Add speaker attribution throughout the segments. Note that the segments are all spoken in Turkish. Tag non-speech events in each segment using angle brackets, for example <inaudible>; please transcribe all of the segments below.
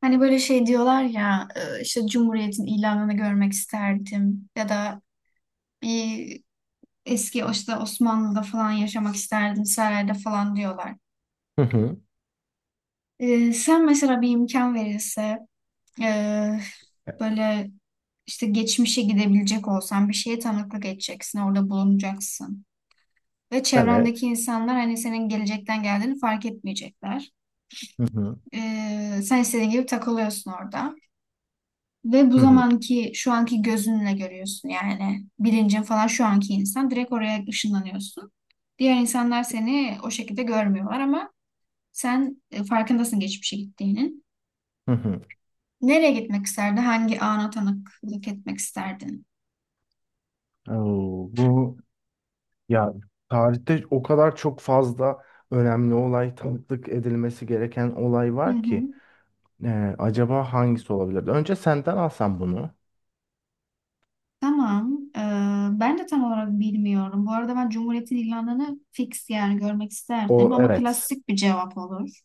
Speaker 1: Hani böyle şey diyorlar ya işte Cumhuriyet'in ilanını görmek isterdim ya da bir eski o işte Osmanlı'da falan yaşamak isterdim sarayda falan diyorlar.
Speaker 2: Hı hı.
Speaker 1: Sen mesela bir imkan verilse e, böyle işte geçmişe gidebilecek olsan bir şeye tanıklık edeceksin orada bulunacaksın. Ve çevrendeki
Speaker 2: Evet.
Speaker 1: insanlar hani senin gelecekten geldiğini fark etmeyecekler.
Speaker 2: Hı hı.
Speaker 1: Sen istediğin gibi takılıyorsun orada. Ve bu
Speaker 2: Hı hı.
Speaker 1: zamanki şu anki gözünle görüyorsun yani bilincin falan şu anki insan direkt oraya ışınlanıyorsun. Diğer insanlar seni o şekilde görmüyorlar ama sen farkındasın geçmişe gittiğinin.
Speaker 2: Hı hı.
Speaker 1: Nereye gitmek isterdin? Hangi ana tanıklık etmek isterdin?
Speaker 2: Oo, bu ya tarihte o kadar çok fazla önemli olay, tanıklık edilmesi gereken olay
Speaker 1: Hı
Speaker 2: var ki
Speaker 1: hı.
Speaker 2: Acaba hangisi olabilir? Önce senden alsam bunu.
Speaker 1: Tamam. Ben de tam olarak bilmiyorum. Bu arada ben Cumhuriyet'in ilanını fix yani görmek isterdim
Speaker 2: O,
Speaker 1: ama
Speaker 2: evet.
Speaker 1: klasik bir cevap olur.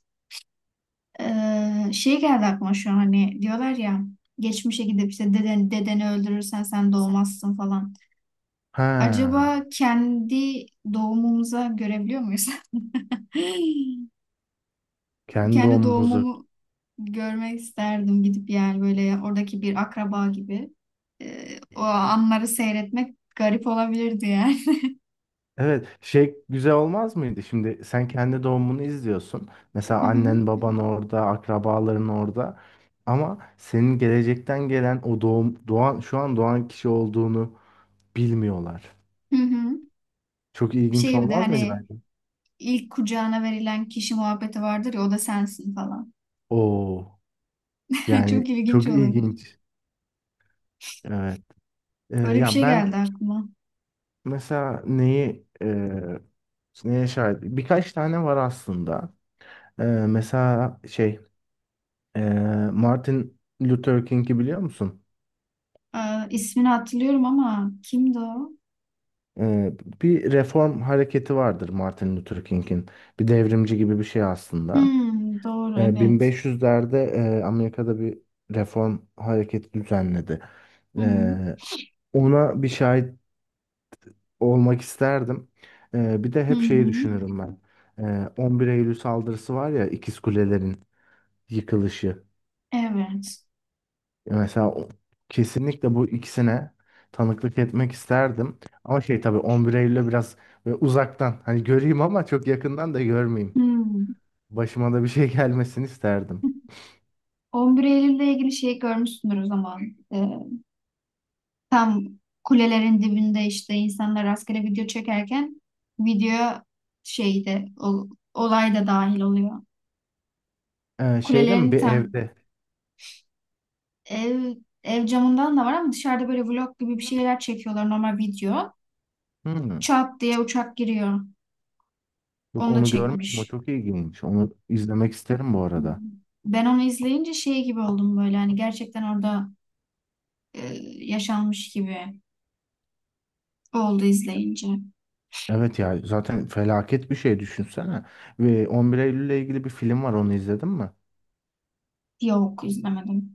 Speaker 1: Şey geldi aklıma şu an hani diyorlar ya geçmişe gidip işte deden, dedeni öldürürsen sen doğmazsın falan. Acaba
Speaker 2: Ha.
Speaker 1: kendi doğumumuza görebiliyor muyuz? <laughs>
Speaker 2: Kendi
Speaker 1: Kendi
Speaker 2: omumuzu...
Speaker 1: doğumumu görmek isterdim gidip yani böyle oradaki bir akraba gibi. O anları seyretmek garip olabilirdi yani.
Speaker 2: Evet, şey güzel olmaz mıydı? Şimdi sen kendi doğumunu izliyorsun.
Speaker 1: <laughs>
Speaker 2: Mesela
Speaker 1: Hı hı.
Speaker 2: annen baban orada, akrabaların orada. Ama senin gelecekten gelen o doğum, doğan, şu an doğan kişi olduğunu bilmiyorlar.
Speaker 1: Hı hı.
Speaker 2: Çok ilginç
Speaker 1: Şey bir de
Speaker 2: olmaz mıydı
Speaker 1: hani
Speaker 2: bence?
Speaker 1: ilk kucağına verilen kişi muhabbeti vardır ya o da sensin falan.
Speaker 2: Oo,
Speaker 1: <laughs>
Speaker 2: yani
Speaker 1: Çok ilginç
Speaker 2: çok
Speaker 1: olur.
Speaker 2: ilginç. Evet.
Speaker 1: Öyle bir
Speaker 2: Ya
Speaker 1: şey geldi
Speaker 2: ben
Speaker 1: aklıma.
Speaker 2: mesela neye şahit? Birkaç tane var aslında. Mesela şey e, Martin Luther King'i biliyor musun?
Speaker 1: Ee, ismini hatırlıyorum ama kimdi o?
Speaker 2: Ee, bir reform hareketi vardır Martin Luther King'in. Bir devrimci gibi bir şey aslında.
Speaker 1: Hmm, doğru evet.
Speaker 2: 1500'lerde Amerika'da bir reform hareketi düzenledi.
Speaker 1: Hı hı.
Speaker 2: Ee, ona bir şahit olmak isterdim. Bir de
Speaker 1: Hı
Speaker 2: hep şeyi
Speaker 1: hı.
Speaker 2: düşünürüm ben. 11 Eylül saldırısı var ya, İkiz Kulelerin yıkılışı.
Speaker 1: Evet.
Speaker 2: Mesela kesinlikle bu ikisine tanıklık etmek isterdim. Ama şey tabii 11 Eylül'e biraz böyle uzaktan hani göreyim ama çok yakından da görmeyeyim.
Speaker 1: Hmm.
Speaker 2: Başıma da bir şey <laughs> gelmesini isterdim.
Speaker 1: <laughs> 11 Eylül'le ilgili şey görmüşsündür o zaman. Ee, Tam kulelerin dibinde işte insanlar rastgele video çekerken video şeyde o, olay da dahil oluyor.
Speaker 2: Şeyde mi,
Speaker 1: Kulelerin
Speaker 2: bir
Speaker 1: tam
Speaker 2: evde?
Speaker 1: ev ev camından da var ama dışarıda böyle vlog gibi bir şeyler çekiyorlar normal video.
Speaker 2: Hmm.
Speaker 1: Çat diye uçak giriyor.
Speaker 2: Yok,
Speaker 1: Onu da
Speaker 2: onu görmedim. O
Speaker 1: çekmiş.
Speaker 2: çok ilginç. Onu izlemek isterim bu
Speaker 1: Hı hı.
Speaker 2: arada.
Speaker 1: Ben onu izleyince şey gibi oldum böyle hani gerçekten orada e, yaşanmış gibi oldu izleyince.
Speaker 2: Evet ya, zaten felaket bir şey düşünsene. Ve 11 Eylül'le ilgili bir film var, onu izledin mi?
Speaker 1: Yok izlemedim.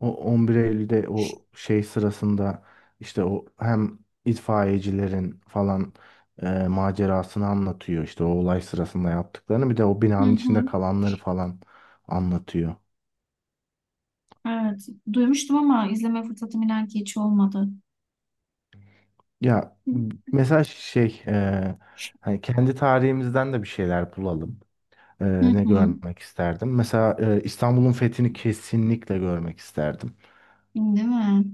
Speaker 2: O 11 Eylül'de o şey sırasında işte o hem itfaiyecilerin falan macerasını anlatıyor. İşte o olay sırasında yaptıklarını bir de o
Speaker 1: Hı
Speaker 2: binanın içinde
Speaker 1: hı.
Speaker 2: kalanları falan anlatıyor.
Speaker 1: Evet duymuştum ama izleme fırsatım inan ki hiç olmadı.
Speaker 2: Ya mesela şey, hani kendi tarihimizden de bir şeyler bulalım. E,
Speaker 1: Hı
Speaker 2: ne
Speaker 1: hı.
Speaker 2: görmek isterdim? Mesela İstanbul'un fethini kesinlikle görmek isterdim.
Speaker 1: Değil mi?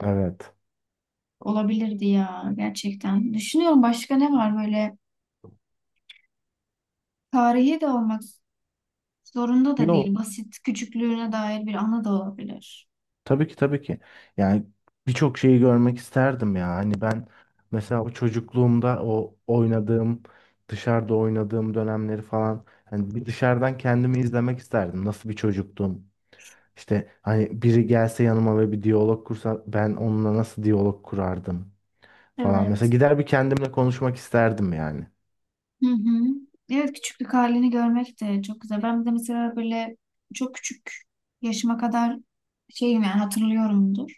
Speaker 2: Evet.
Speaker 1: Olabilirdi ya gerçekten. Düşünüyorum başka ne var böyle tarihi de olmak zorunda da
Speaker 2: Yo.
Speaker 1: değil. Basit küçüklüğüne dair bir anı da olabilir.
Speaker 2: Tabii ki, tabii ki. Yani birçok şeyi görmek isterdim ya. Hani ben mesela o çocukluğumda o oynadığım, dışarıda oynadığım dönemleri falan hani bir dışarıdan kendimi izlemek isterdim. Nasıl bir çocuktum? İşte hani biri gelse yanıma ve bir diyalog kursa ben onunla nasıl diyalog kurardım falan. Mesela
Speaker 1: Evet.
Speaker 2: gider bir kendimle konuşmak isterdim yani.
Speaker 1: Hı hı. Evet küçüklük halini görmek de çok güzel.
Speaker 2: Evet.
Speaker 1: Ben de mesela böyle çok küçük yaşıma kadar şeyim yani hatırlıyorumdur.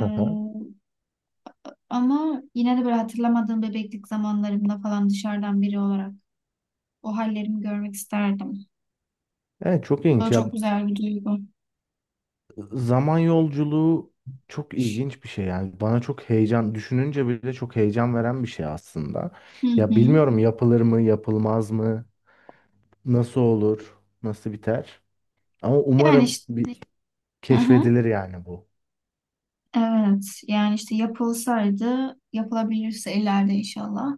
Speaker 2: Hı hı.
Speaker 1: Ama yine de böyle hatırlamadığım bebeklik zamanlarımda falan dışarıdan biri olarak o hallerimi görmek isterdim.
Speaker 2: Evet, çok
Speaker 1: O da
Speaker 2: ilginç
Speaker 1: çok
Speaker 2: ya.
Speaker 1: güzel bir duygu.
Speaker 2: Zaman yolculuğu çok ilginç bir şey yani, bana çok heyecan, düşününce bile çok heyecan veren bir şey aslında.
Speaker 1: Hı
Speaker 2: Ya
Speaker 1: hı.
Speaker 2: bilmiyorum, yapılır mı, yapılmaz mı, nasıl olur, nasıl biter. Ama
Speaker 1: Yani
Speaker 2: umarım
Speaker 1: işte
Speaker 2: bir
Speaker 1: hı hı.
Speaker 2: keşfedilir yani bu.
Speaker 1: Evet yani işte yapılsaydı yapılabilirse ileride inşallah.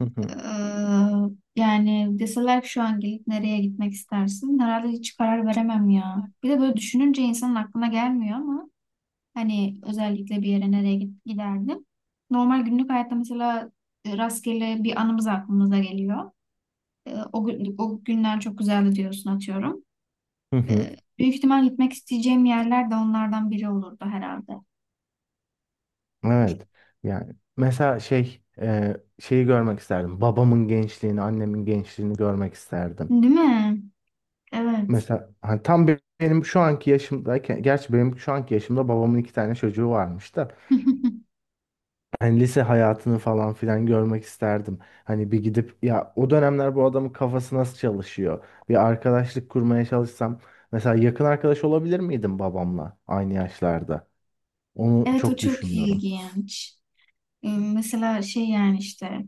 Speaker 2: Hı hı,
Speaker 1: Eee, Yani deseler ki şu an gelip nereye gitmek istersin? Herhalde hiç karar veremem ya. Bir de böyle düşününce insanın aklına gelmiyor ama hani özellikle bir yere nereye giderdim. Normal günlük hayatta mesela rastgele bir anımız aklımıza geliyor. E, o, o günler çok güzeldi diyorsun atıyorum.
Speaker 2: hı hı.
Speaker 1: Büyük ihtimal gitmek isteyeceğim yerler de onlardan biri olurdu herhalde.
Speaker 2: Evet. Yani mesela şey, şeyi görmek isterdim. Babamın gençliğini, annemin gençliğini görmek isterdim.
Speaker 1: Değil mi? Evet.
Speaker 2: Mesela hani tam benim şu anki yaşımdayken, gerçi benim şu anki yaşımda babamın iki tane çocuğu varmış da.
Speaker 1: <laughs>
Speaker 2: Hani lise hayatını falan filan görmek isterdim. Hani bir gidip ya, o dönemler bu adamın kafası nasıl çalışıyor? Bir arkadaşlık kurmaya çalışsam mesela, yakın arkadaş olabilir miydim babamla aynı yaşlarda? Onu
Speaker 1: Evet o
Speaker 2: çok
Speaker 1: çok
Speaker 2: düşünüyorum.
Speaker 1: ilginç. E, mesela şey yani işte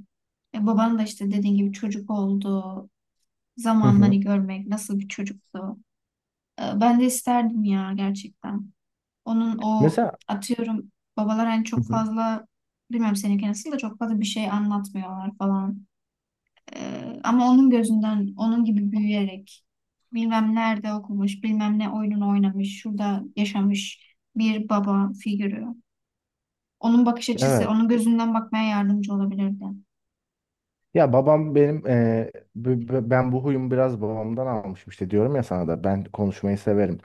Speaker 1: baban da işte dediğin gibi çocuk oldu.
Speaker 2: Hı
Speaker 1: Zamanları
Speaker 2: hı.
Speaker 1: görmek nasıl bir çocuktu. Ben de isterdim ya gerçekten. Onun o
Speaker 2: Mesela.
Speaker 1: atıyorum babalar hani
Speaker 2: Hı
Speaker 1: çok
Speaker 2: hı.
Speaker 1: fazla bilmem seninki nasıl da çok fazla bir şey anlatmıyorlar falan. Ama onun gözünden onun gibi büyüyerek bilmem nerede okumuş bilmem ne oyununu oynamış şurada yaşamış bir baba figürü. Onun bakış açısı
Speaker 2: Evet.
Speaker 1: onun gözünden bakmaya yardımcı olabilirdi.
Speaker 2: Ya babam benim ben bu huyumu biraz babamdan almışım, işte diyorum ya, sana da ben konuşmayı severim.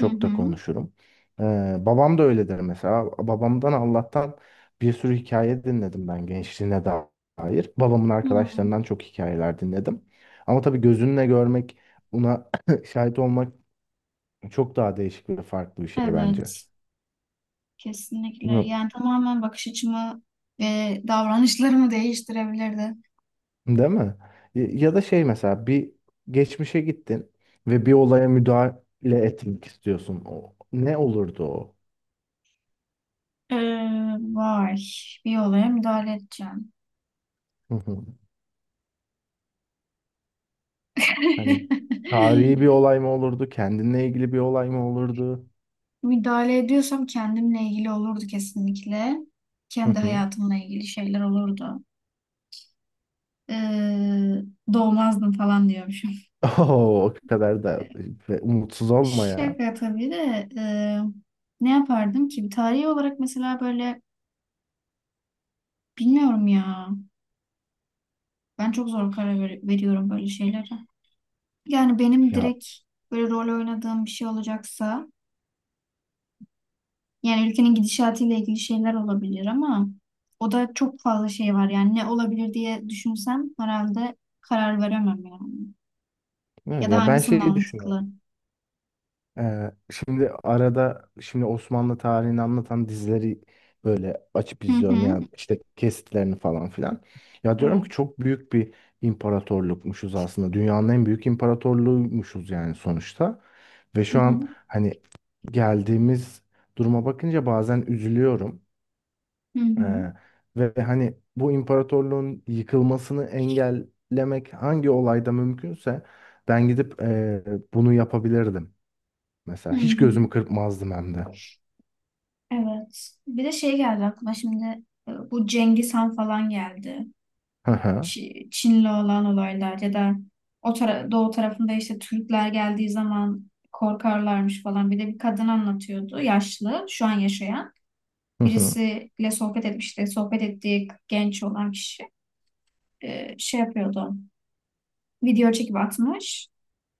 Speaker 1: Hı
Speaker 2: da
Speaker 1: hı.
Speaker 2: konuşurum. Babam da öyledir mesela. Babamdan Allah'tan bir sürü hikaye dinledim ben, gençliğine dair. Babamın
Speaker 1: Hmm,
Speaker 2: arkadaşlarından çok hikayeler dinledim. Ama tabii gözünle görmek, buna <clears throat> şahit olmak çok daha değişik ve farklı bir şey bence.
Speaker 1: evet, kesinlikle.
Speaker 2: Bilmiyorum.
Speaker 1: Yani tamamen bakış açımı ve davranışlarımı değiştirebilirdi.
Speaker 2: Değil mi? Ya, ya da şey mesela bir geçmişe gittin ve bir olaya müdahale etmek istiyorsun. O, ne olurdu o?
Speaker 1: Ee, Vay, bir olaya müdahale edeceğim.
Speaker 2: Hı hı. Hani tarihi
Speaker 1: <laughs>
Speaker 2: bir olay mı olurdu? Kendinle ilgili bir olay mı olurdu?
Speaker 1: Müdahale ediyorsam kendimle ilgili olurdu kesinlikle.
Speaker 2: Hı
Speaker 1: Kendi
Speaker 2: hı.
Speaker 1: hayatımla ilgili şeyler olurdu. Ee, Doğmazdım falan diyormuşum.
Speaker 2: <laughs> Oo, o kadar da ve umutsuz
Speaker 1: <laughs>
Speaker 2: olma ya.
Speaker 1: Şaka tabii de ne yapardım ki? Bir tarihi olarak mesela böyle bilmiyorum ya. Ben çok zor karar veriyorum böyle şeylere. Yani benim
Speaker 2: Ya,
Speaker 1: direkt böyle rol oynadığım bir şey olacaksa yani ülkenin gidişatıyla ilgili şeyler olabilir ama o da çok fazla şey var yani ne olabilir diye düşünsem herhalde karar veremem yani. Ya
Speaker 2: evet,
Speaker 1: da
Speaker 2: ya ben
Speaker 1: hangisi
Speaker 2: şeyi
Speaker 1: mantıklı?
Speaker 2: düşünüyorum. Şimdi arada şimdi Osmanlı tarihini anlatan dizileri böyle açıp
Speaker 1: Hı
Speaker 2: izliyorum
Speaker 1: hı.
Speaker 2: yani, işte kesitlerini falan filan. Ya diyorum
Speaker 1: Evet.
Speaker 2: ki çok büyük bir imparatorlukmuşuz aslında. Dünyanın en büyük imparatorluğuymuşuz yani sonuçta. Ve
Speaker 1: Hı
Speaker 2: şu an
Speaker 1: hı.
Speaker 2: hani geldiğimiz duruma bakınca bazen üzülüyorum.
Speaker 1: Hı hı.
Speaker 2: Ee, ve hani bu imparatorluğun yıkılmasını engellemek hangi olayda mümkünse ben gidip bunu yapabilirdim.
Speaker 1: Hı
Speaker 2: Mesela hiç gözümü
Speaker 1: hı.
Speaker 2: kırpmazdım hem de.
Speaker 1: Evet. Bir de şey geldi aklıma şimdi bu Cengiz Han falan geldi.
Speaker 2: Hı hı.
Speaker 1: Çin'le olan olaylar ya da o tara doğu tarafında işte Türkler geldiği zaman korkarlarmış falan. Bir de bir kadın anlatıyordu yaşlı şu an yaşayan.
Speaker 2: Hı hı.
Speaker 1: Birisiyle sohbet etmişti. Sohbet ettiği genç olan kişi şey yapıyordu. Video çekip atmış.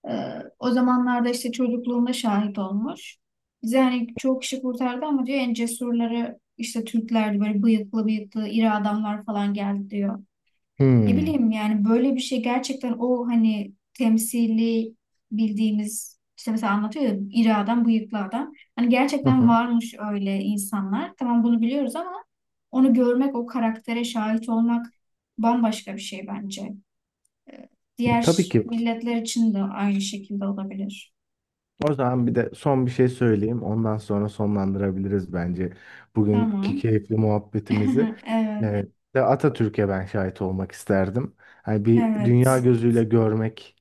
Speaker 1: E, O zamanlarda işte çocukluğunda şahit olmuş. Bize hani çok kişi kurtardı ama diyor en cesurları işte Türklerdi böyle bıyıklı bıyıklı iri adamlar falan geldi diyor. Ne
Speaker 2: Hmm.
Speaker 1: bileyim yani böyle bir şey gerçekten o hani temsili bildiğimiz işte mesela anlatıyor ya iri adam, bıyıklı adam. Hani
Speaker 2: Hı
Speaker 1: gerçekten
Speaker 2: hı.
Speaker 1: varmış öyle insanlar. Tamam bunu biliyoruz ama onu görmek, o karaktere şahit olmak bambaşka bir şey bence.
Speaker 2: Tabii
Speaker 1: Diğer
Speaker 2: ki.
Speaker 1: milletler için de aynı şekilde olabilir.
Speaker 2: O zaman bir de son bir şey söyleyeyim. Ondan sonra sonlandırabiliriz bence bugünkü
Speaker 1: Tamam.
Speaker 2: keyifli muhabbetimizi.
Speaker 1: <laughs> Evet.
Speaker 2: Evet. De Atatürk'e ben şahit olmak isterdim. Hani bir dünya
Speaker 1: Evet.
Speaker 2: gözüyle görmek,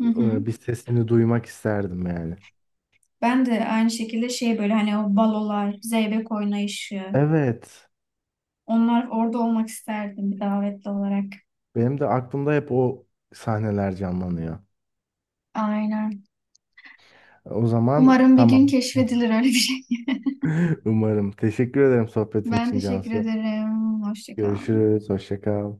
Speaker 1: Hı hı.
Speaker 2: bir sesini duymak isterdim yani.
Speaker 1: Ben de aynı şekilde şey böyle hani o balolar, zeybek oynayışı
Speaker 2: Evet.
Speaker 1: onlar orada olmak isterdim bir davetli olarak.
Speaker 2: Benim de aklımda hep o sahneler canlanıyor.
Speaker 1: Aynen.
Speaker 2: O zaman
Speaker 1: Umarım bir gün
Speaker 2: tamam.
Speaker 1: keşfedilir öyle bir şey. <laughs>
Speaker 2: <laughs> Umarım. Teşekkür ederim sohbetin
Speaker 1: Ben
Speaker 2: için
Speaker 1: teşekkür
Speaker 2: Cansu.
Speaker 1: ederim. Hoşça kal.
Speaker 2: Görüşürüz. Hoşça kal.